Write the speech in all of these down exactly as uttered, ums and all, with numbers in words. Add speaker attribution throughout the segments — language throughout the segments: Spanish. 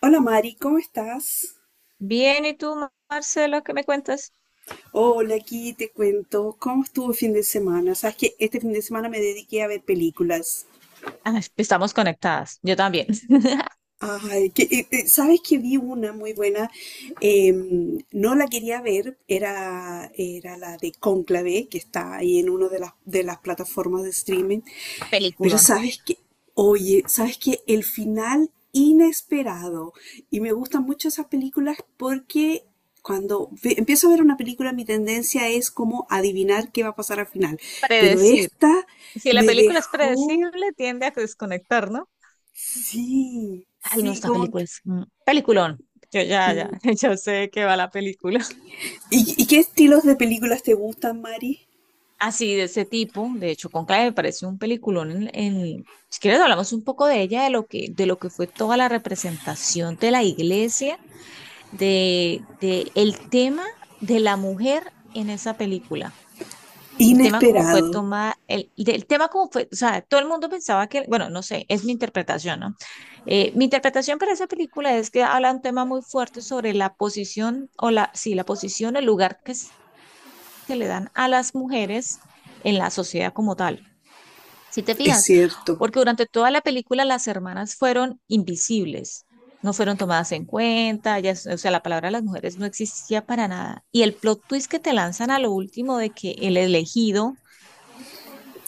Speaker 1: Hola Mari, ¿cómo estás?
Speaker 2: Bien, ¿y tú, Marcela, qué me cuentas?
Speaker 1: Hola, aquí te cuento cómo estuvo el fin de semana. Sabes que este fin de semana me dediqué a ver películas.
Speaker 2: Ah, estamos conectadas, yo también.
Speaker 1: Ay, que, eh, eh, sabes que vi una muy buena. Em, no la quería ver, era, era la de Cónclave, que está ahí en una de las, de las plataformas de streaming. Pero
Speaker 2: Peliculón.
Speaker 1: sabes que, oye, sabes que el final inesperado, y me gustan mucho esas películas porque cuando ve- empiezo a ver una película mi tendencia es como adivinar qué va a pasar al final, pero
Speaker 2: Predecir.
Speaker 1: esta
Speaker 2: Si la
Speaker 1: me
Speaker 2: película es
Speaker 1: dejó,
Speaker 2: predecible, tiende a desconectar, ¿no?
Speaker 1: sí,
Speaker 2: Ay, no,
Speaker 1: sí,
Speaker 2: esta
Speaker 1: como
Speaker 2: película
Speaker 1: que...
Speaker 2: es un peliculón. Yo ya, ya,
Speaker 1: Mm.
Speaker 2: yo sé de qué va la película.
Speaker 1: ¿Y, y qué estilos de películas te gustan, Mari?
Speaker 2: Así, de ese tipo. De hecho, Conclave me parece un peliculón en, en- Si quieres, hablamos un poco de ella, de lo que, de lo que fue toda la representación de la iglesia, de, de el tema de la mujer en esa película. El tema como fue
Speaker 1: Inesperado,
Speaker 2: toma, el, el tema como fue, o sea, todo el mundo pensaba que, bueno, no sé, es mi interpretación, ¿no? Eh, mi interpretación para esa película es que habla un tema muy fuerte sobre la posición o la, sí, la posición, el lugar que se le dan a las mujeres en la sociedad como tal. Si te
Speaker 1: es
Speaker 2: fijas,
Speaker 1: cierto.
Speaker 2: porque durante toda la película las hermanas fueron invisibles, no fueron tomadas en cuenta, ellas- o sea, la palabra de las mujeres no existía para nada. Y el plot twist que te lanzan a lo último de que el elegido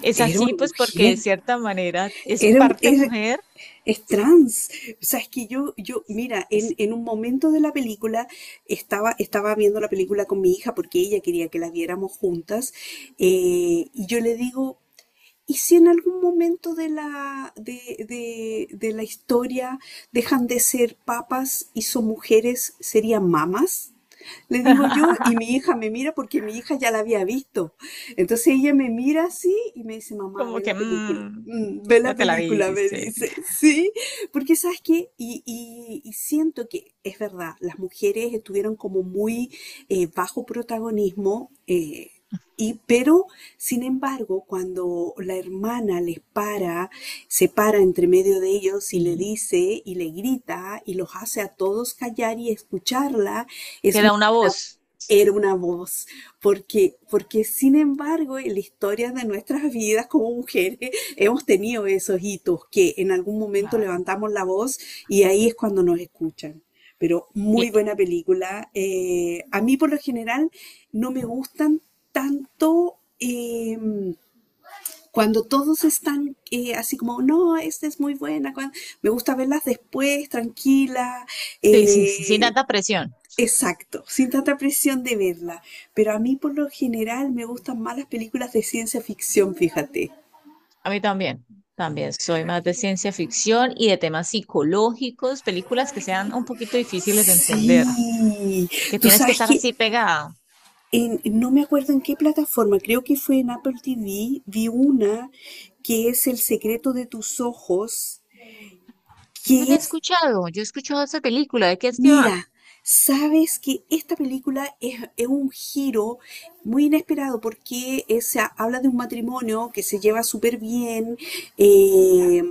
Speaker 2: es
Speaker 1: Era
Speaker 2: así,
Speaker 1: una
Speaker 2: pues porque
Speaker 1: mujer.
Speaker 2: de cierta manera es
Speaker 1: Era un,
Speaker 2: parte
Speaker 1: era-
Speaker 2: mujer,
Speaker 1: Es trans. O sea, es que yo, yo, mira,
Speaker 2: es
Speaker 1: en, en un momento de la película estaba, estaba viendo la película con mi hija porque ella quería que la viéramos juntas. eh, y yo le digo, ¿y si en algún momento de la, de, de- de la historia dejan de ser papas y son mujeres, serían mamas? Le digo yo, y mi hija me mira porque mi hija ya la había visto. Entonces ella me mira así y me dice, mamá,
Speaker 2: como
Speaker 1: ve
Speaker 2: que
Speaker 1: la película.
Speaker 2: mm,
Speaker 1: Mm, ve la
Speaker 2: ya te la
Speaker 1: película, me
Speaker 2: viste
Speaker 1: dice, sí, porque sabes qué, y, y- y siento que es verdad, las mujeres estuvieron como muy eh, bajo protagonismo, eh, y, pero sin embargo, cuando la hermana les para, se para entre medio de ellos y le
Speaker 2: y
Speaker 1: dice y le grita y los hace a todos callar y escucharla, es una,
Speaker 2: queda una voz.
Speaker 1: era una voz, porque, porque sin embargo en la historia de nuestras vidas como mujeres hemos tenido esos hitos que en algún momento
Speaker 2: Claro.
Speaker 1: levantamos la voz y ahí es cuando nos escuchan. Pero
Speaker 2: Y-
Speaker 1: muy buena película. Eh, a mí por lo general no me gustan tanto eh, cuando todos están eh, así como, no, esta es muy buena. cuan- Me gusta verlas después, tranquila.
Speaker 2: sí, sí, sí, sin
Speaker 1: eh,
Speaker 2: tanta presión.
Speaker 1: Exacto, sin tanta presión de verla. Pero a mí por lo general me gustan más las películas de ciencia ficción, fíjate.
Speaker 2: A mí también. También soy más de ciencia ficción y de temas psicológicos, películas que sean un poquito difíciles de entender,
Speaker 1: Sí,
Speaker 2: que
Speaker 1: tú
Speaker 2: tienes que
Speaker 1: sabes
Speaker 2: estar así
Speaker 1: que
Speaker 2: pegado.
Speaker 1: en- no me acuerdo en qué plataforma, creo que fue en Apple T V, vi una que es El secreto de tus ojos,
Speaker 2: Yo
Speaker 1: que
Speaker 2: la he
Speaker 1: es,
Speaker 2: escuchado, yo he escuchado esa película, ¿de qué es que va?
Speaker 1: mira, sabes que esta película es, es un giro muy inesperado porque es- habla de un matrimonio que se lleva súper bien. eh,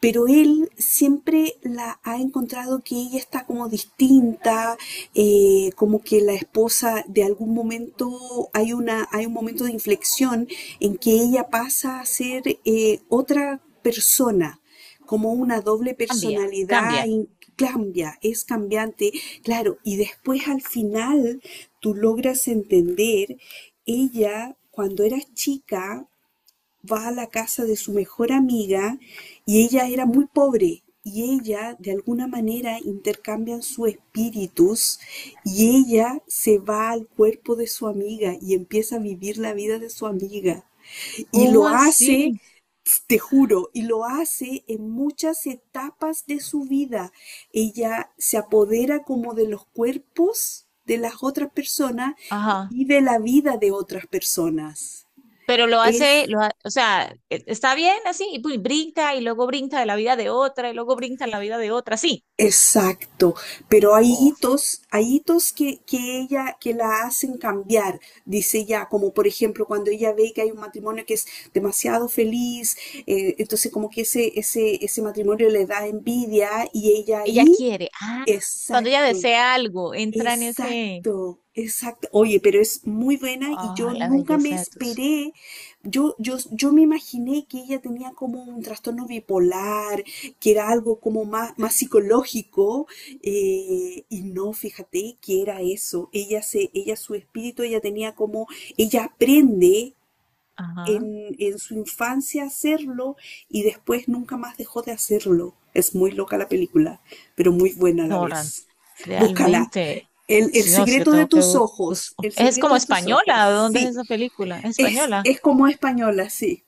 Speaker 1: Pero él siempre la ha encontrado que ella está como distinta, eh, como que la esposa de algún momento hay una, hay un momento de inflexión en que ella pasa a ser eh, otra persona, como una doble
Speaker 2: Cambia,
Speaker 1: personalidad
Speaker 2: cambia.
Speaker 1: in- Cambia, es cambiante, claro, y después al final tú logras entender, ella cuando era chica va a la casa de su mejor amiga y ella era muy pobre y ella de alguna manera intercambian sus espíritus y ella se va al cuerpo de su amiga y empieza a vivir la vida de su amiga y
Speaker 2: ¿Cómo
Speaker 1: lo hace,
Speaker 2: así?
Speaker 1: te juro, y lo hace en muchas etapas de su vida. Ella se apodera como de los cuerpos de las otras personas y
Speaker 2: Ajá.
Speaker 1: vive la vida de otras personas.
Speaker 2: Pero lo hace,
Speaker 1: Es
Speaker 2: lo ha- o sea, e- está bien así, y pues brinca, y luego brinca de la vida de otra, y luego brinca en la vida de otra, sí.
Speaker 1: Exacto, pero hay
Speaker 2: Oh,
Speaker 1: hitos, hay hitos que, que ella, que la hacen cambiar, dice ella, como por ejemplo cuando ella ve que hay un matrimonio que es demasiado feliz, eh, entonces como que ese, ese, ese matrimonio le da envidia y ella
Speaker 2: ella
Speaker 1: ahí,
Speaker 2: quiere, ah, cuando ella
Speaker 1: exacto,
Speaker 2: desea algo, entra en ese,
Speaker 1: exacto, exacto. Oye, pero es muy buena y
Speaker 2: oh,
Speaker 1: yo
Speaker 2: la
Speaker 1: nunca me
Speaker 2: belleza de tus,
Speaker 1: esperé. Yo, yo, yo me imaginé que ella tenía como un trastorno bipolar, que era algo como más, más psicológico, eh, y no, fíjate que era eso. Ella se, ella, su espíritu, ella tenía como, ella aprende
Speaker 2: ajá,
Speaker 1: en, en su infancia hacerlo y después nunca más dejó de hacerlo. Es muy loca la película, pero muy buena a la
Speaker 2: no, Ran-
Speaker 1: vez. Búscala.
Speaker 2: realmente,
Speaker 1: El, el
Speaker 2: si no, si yo
Speaker 1: secreto de
Speaker 2: tengo que,
Speaker 1: tus
Speaker 2: bus- bus-
Speaker 1: ojos, el
Speaker 2: es
Speaker 1: secreto
Speaker 2: como
Speaker 1: de tus ojos,
Speaker 2: española, ¿de dónde es
Speaker 1: sí,
Speaker 2: esa película? ¿Es
Speaker 1: es,
Speaker 2: española?
Speaker 1: es como española, sí,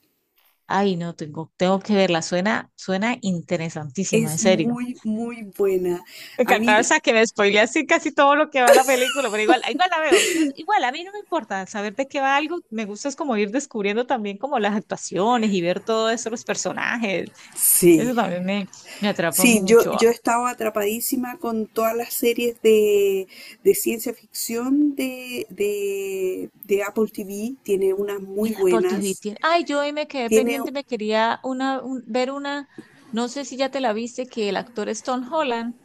Speaker 2: Ay, no, tengo, tengo que verla, suena, suena interesantísima, en
Speaker 1: es
Speaker 2: serio.
Speaker 1: muy, muy buena.
Speaker 2: Me
Speaker 1: A
Speaker 2: encantaba, o
Speaker 1: mí,
Speaker 2: sea, que me spoilea así casi todo lo que va a la película, pero igual, igual la veo. Yo, igual, a mí no me importa saber de qué va algo, me gusta es como ir descubriendo también como las actuaciones y ver todo eso, los personajes.
Speaker 1: sí,
Speaker 2: Eso también me, me atrapa
Speaker 1: sí, yo,
Speaker 2: mucho.
Speaker 1: yo estaba atrapadísima con todas las series de, de ciencia ficción de, de, de Apple T V, tiene unas
Speaker 2: Y
Speaker 1: muy
Speaker 2: la Apple T V
Speaker 1: buenas.
Speaker 2: tiene... Ay, yo hoy me quedé
Speaker 1: Tiene,
Speaker 2: pendiente, me quería una, un- ver una, no sé si ya te la viste, que el actor es Tom Holland,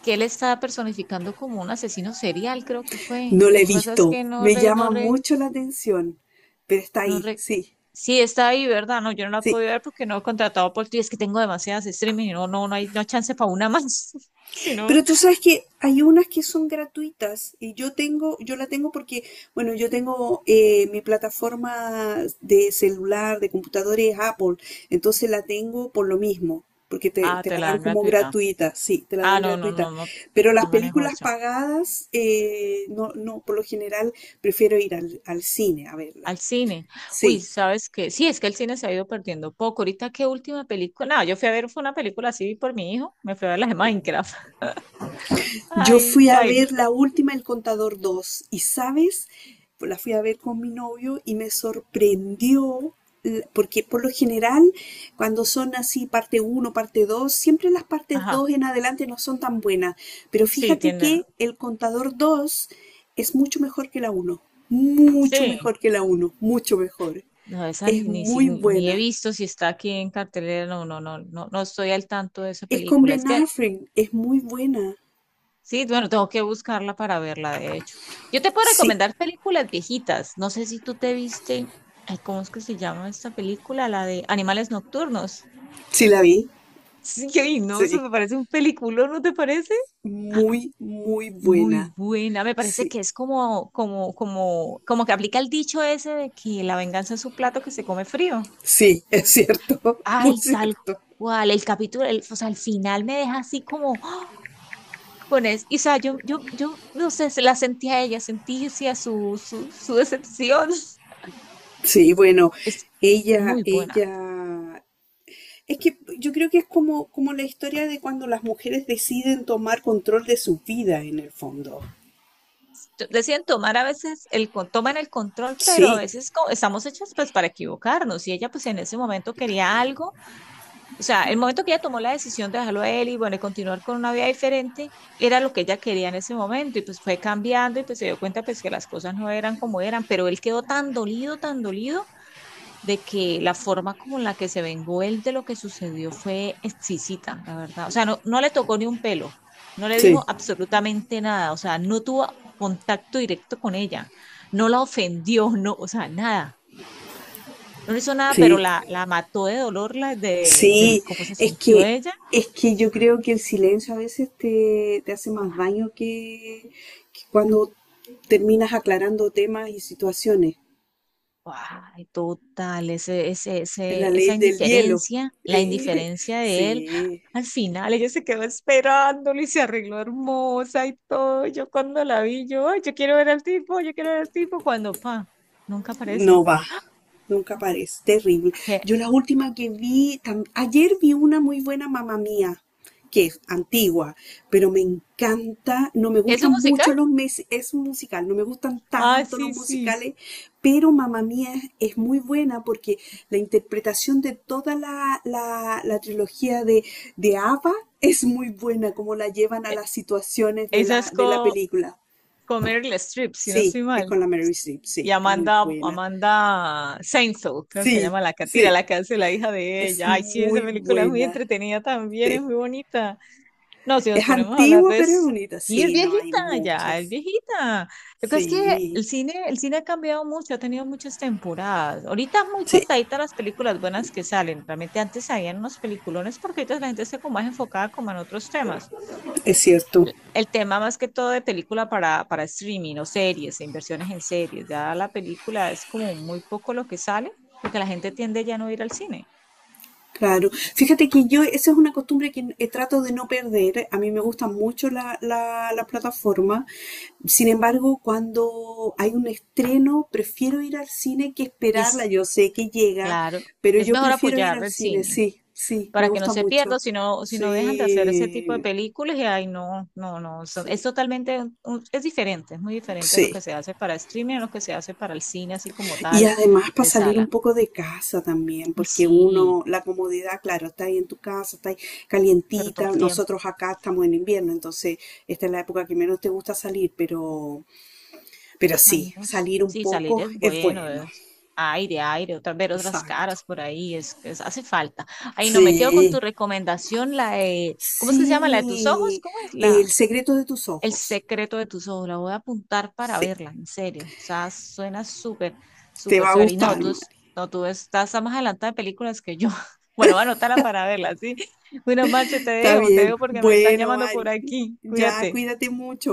Speaker 2: que él estaba personificando como un asesino serial, creo que fue.
Speaker 1: no la
Speaker 2: Lo
Speaker 1: he
Speaker 2: que pasa es
Speaker 1: visto,
Speaker 2: que no,
Speaker 1: me
Speaker 2: re- no
Speaker 1: llama mucho la atención, pero está
Speaker 2: no
Speaker 1: ahí,
Speaker 2: re...
Speaker 1: sí,
Speaker 2: Sí, está ahí, ¿verdad? No, yo no la
Speaker 1: sí.
Speaker 2: puedo ver porque no he contratado por ti. Es que tengo demasiadas streaming y no, no, no hay, no hay chance para una más. Si no.
Speaker 1: Pero tú sabes que hay unas que son gratuitas y yo tengo, yo la tengo porque, bueno, yo tengo eh, mi plataforma de celular, de computadores Apple, entonces la tengo por lo mismo. Porque te,
Speaker 2: Ah,
Speaker 1: te
Speaker 2: te
Speaker 1: la
Speaker 2: la
Speaker 1: dan
Speaker 2: dan
Speaker 1: como
Speaker 2: gratuita.
Speaker 1: gratuita, sí, te la
Speaker 2: Ah,
Speaker 1: dan
Speaker 2: no, no, no,
Speaker 1: gratuita.
Speaker 2: no, te-
Speaker 1: Pero las
Speaker 2: no manejo
Speaker 1: películas
Speaker 2: eso.
Speaker 1: pagadas, eh, no, no, por lo general prefiero ir al, al cine a verlas.
Speaker 2: Al cine. Uy,
Speaker 1: Sí,
Speaker 2: ¿sabes qué? Sí, es que el cine se ha ido perdiendo poco. Ahorita, ¿qué última película? No, yo fui a ver, fue una película así por mi hijo. Me fui a ver las de Minecraft.
Speaker 1: yo
Speaker 2: Ay,
Speaker 1: fui a
Speaker 2: ay, no.
Speaker 1: ver la última El Contador dos y, ¿sabes? Pues, la fui a ver con mi novio y me sorprendió l- porque por lo general cuando son así parte uno parte dos siempre las partes
Speaker 2: Ajá.
Speaker 1: dos en adelante no son tan buenas. Pero
Speaker 2: Sí,
Speaker 1: fíjate
Speaker 2: tienen.
Speaker 1: que El Contador dos es mucho mejor que la uno, mucho
Speaker 2: Sí.
Speaker 1: mejor que la uno, mucho mejor.
Speaker 2: No, esa
Speaker 1: Es
Speaker 2: ni, ni, si-
Speaker 1: muy
Speaker 2: Ni he
Speaker 1: buena.
Speaker 2: visto si está aquí en cartelera. No, no, no, no, no estoy al tanto de esa
Speaker 1: Es con
Speaker 2: película. Es
Speaker 1: Ben
Speaker 2: que
Speaker 1: Affleck, es muy buena.
Speaker 2: sí, bueno, tengo que buscarla para verla, de hecho. Yo te puedo
Speaker 1: Sí,
Speaker 2: recomendar películas viejitas. No sé si tú te viste, ay, ¿cómo es que se llama esta película? La de Animales Nocturnos.
Speaker 1: sí la vi.
Speaker 2: Sí, ay, no, eso
Speaker 1: Sí.
Speaker 2: me parece un peliculón, ¿no te parece?
Speaker 1: Muy, muy
Speaker 2: Muy
Speaker 1: buena.
Speaker 2: buena, me parece que
Speaker 1: Sí,
Speaker 2: es como, como, como, como que aplica el dicho ese de que la venganza es un plato que se come frío.
Speaker 1: sí, es cierto, muy
Speaker 2: Ay, tal
Speaker 1: cierto.
Speaker 2: cual, el capítulo, el- o sea, el final me deja así como con eso. Y, o sea, yo, yo, yo, no sé, se la sentí a ella, sentí sí, a su, su, su decepción.
Speaker 1: Sí, bueno,
Speaker 2: Es
Speaker 1: ella,
Speaker 2: muy buena.
Speaker 1: ella, es que yo creo que es como, como la historia de cuando las mujeres deciden tomar control de su vida en el fondo.
Speaker 2: T- Deciden tomar a veces, el, con- toman el control, pero a
Speaker 1: Sí,
Speaker 2: veces co- estamos hechas pues para equivocarnos. Y ella pues en ese momento quería algo. O sea, el momento que ella tomó la decisión de dejarlo a él y bueno, y continuar con una vida diferente, era lo que ella quería en ese momento. Y pues fue cambiando y pues se dio cuenta pues que las cosas no eran como eran, pero él quedó tan dolido, tan dolido de que la forma como la que se vengó él de lo que sucedió fue exquisita, la verdad. O sea, no, no le tocó ni un pelo, no le
Speaker 1: sí,
Speaker 2: dijo absolutamente nada, o sea, no tuvo contacto directo con ella, no la ofendió, no, o sea, nada. No le hizo nada, pero
Speaker 1: sí,
Speaker 2: la, la mató de dolor, la de, del
Speaker 1: sí,
Speaker 2: cómo se
Speaker 1: es
Speaker 2: sintió
Speaker 1: que,
Speaker 2: ella.
Speaker 1: es que yo creo que el silencio a veces te, te hace más daño que, que cuando terminas aclarando temas y situaciones.
Speaker 2: Ay, total, ese, ese,
Speaker 1: Es la
Speaker 2: ese,
Speaker 1: ley
Speaker 2: esa
Speaker 1: del hielo.
Speaker 2: indiferencia, la
Speaker 1: Eh,
Speaker 2: indiferencia de él,
Speaker 1: sí,
Speaker 2: al final ella se quedó esperándolo y se arregló hermosa y todo. Yo cuando la vi, yo, "Ay, yo quiero ver al tipo, yo quiero ver al tipo, cuando, pa, nunca aparece.
Speaker 1: no va. Nunca aparece. Terrible.
Speaker 2: ¿Qué?
Speaker 1: Yo la última que vi, tam- ayer vi una muy buena mamá mía, que es antigua, pero me encanta. No me
Speaker 2: ¿Es un
Speaker 1: gustan
Speaker 2: musical?
Speaker 1: mucho los meses, es un musical, no me gustan
Speaker 2: Ah,
Speaker 1: tanto los
Speaker 2: sí, sí.
Speaker 1: musicales, pero mamá mía es, es muy buena porque la interpretación de toda la, la, la trilogía de, de Ava es muy buena, como la llevan a
Speaker 2: E-
Speaker 1: las situaciones de
Speaker 2: Esa
Speaker 1: la,
Speaker 2: es
Speaker 1: de la
Speaker 2: co-
Speaker 1: película.
Speaker 2: con Meryl Streep, si no
Speaker 1: Sí,
Speaker 2: estoy
Speaker 1: es
Speaker 2: mal.
Speaker 1: con la Mary Streep,
Speaker 2: Y
Speaker 1: sí, es muy
Speaker 2: Amanda,
Speaker 1: buena.
Speaker 2: Amanda Seinfeld, creo que se
Speaker 1: Sí,
Speaker 2: llama la catira,
Speaker 1: sí,
Speaker 2: la que hace la hija de
Speaker 1: es
Speaker 2: ella. Ay, sí, esa
Speaker 1: muy
Speaker 2: película es muy
Speaker 1: buena.
Speaker 2: entretenida también, es
Speaker 1: Sí.
Speaker 2: muy bonita. No, si nos
Speaker 1: Es
Speaker 2: ponemos a hablar
Speaker 1: antigua,
Speaker 2: de...
Speaker 1: pero es
Speaker 2: s-
Speaker 1: bonita.
Speaker 2: Sí, es
Speaker 1: Sí, no, hay
Speaker 2: viejita, ya, es
Speaker 1: muchas.
Speaker 2: viejita. Lo que es que
Speaker 1: Sí,
Speaker 2: el cine, el cine ha cambiado mucho, ha tenido muchas temporadas. Ahorita es muy
Speaker 1: sí,
Speaker 2: contadita las películas buenas que salen. Realmente antes habían unos peliculones porque ahorita la gente está como más enfocada como en otros temas.
Speaker 1: es cierto.
Speaker 2: L- El tema más que todo de película para, para streaming o series, e inversiones en series. Ya la película es como muy poco lo que sale porque la gente tiende ya no a ir al cine.
Speaker 1: Claro, fíjate que yo, esa es una costumbre que eh, trato de no perder. A mí me gustan mucho la, la, la plataforma. Sin embargo, cuando hay un estreno, prefiero ir al cine que esperarla.
Speaker 2: Es,
Speaker 1: Yo sé que llega,
Speaker 2: claro,
Speaker 1: pero
Speaker 2: es
Speaker 1: yo
Speaker 2: mejor
Speaker 1: prefiero ir
Speaker 2: apoyar
Speaker 1: al
Speaker 2: el
Speaker 1: cine.
Speaker 2: cine,
Speaker 1: Sí, sí, me
Speaker 2: para que no
Speaker 1: gusta
Speaker 2: se pierda,
Speaker 1: mucho.
Speaker 2: si no, si no dejan de hacer ese tipo de
Speaker 1: Sí,
Speaker 2: películas y ay, no, no, no, son- es
Speaker 1: sí,
Speaker 2: totalmente, un- un- es diferente, es muy diferente lo
Speaker 1: sí.
Speaker 2: que se hace para streaming a lo que se hace para el cine así como
Speaker 1: Y
Speaker 2: tal
Speaker 1: además para
Speaker 2: de
Speaker 1: salir un
Speaker 2: sala.
Speaker 1: poco de casa también,
Speaker 2: Uy,
Speaker 1: porque
Speaker 2: sí,
Speaker 1: uno, la comodidad, claro, está ahí en tu casa, está ahí
Speaker 2: pero todo
Speaker 1: calientita.
Speaker 2: el tiempo,
Speaker 1: Nosotros acá estamos en invierno, entonces esta es la época que menos te gusta salir, pero, pero sí,
Speaker 2: ay, no, s-
Speaker 1: salir un
Speaker 2: sí, salir
Speaker 1: poco
Speaker 2: es
Speaker 1: es
Speaker 2: bueno,
Speaker 1: bueno.
Speaker 2: es aire, aire, otra, ver otras
Speaker 1: Exacto.
Speaker 2: caras por ahí, es que es- hace falta. Ay, no, me quedo con tu
Speaker 1: Sí,
Speaker 2: recomendación, la de, ¿cómo es que se llama? La de tus ojos,
Speaker 1: sí,
Speaker 2: ¿cómo es?
Speaker 1: El
Speaker 2: La,
Speaker 1: secreto de tus
Speaker 2: el
Speaker 1: ojos.
Speaker 2: secreto de tus ojos. La voy a apuntar para
Speaker 1: Sí,
Speaker 2: verla, en serio. O sea, suena súper,
Speaker 1: te
Speaker 2: súper
Speaker 1: va a
Speaker 2: chévere. Y
Speaker 1: gustar,
Speaker 2: no, tú,
Speaker 1: Mari.
Speaker 2: es- no, tú estás más adelantada de películas que yo. Bueno, voy a anotarla para verla, ¿sí? Bueno, Marce, te
Speaker 1: Está
Speaker 2: dejo, te
Speaker 1: bien.
Speaker 2: dejo porque me están
Speaker 1: Bueno,
Speaker 2: llamando por
Speaker 1: Mari,
Speaker 2: aquí.
Speaker 1: ya
Speaker 2: Cuídate.
Speaker 1: cuídate mucho.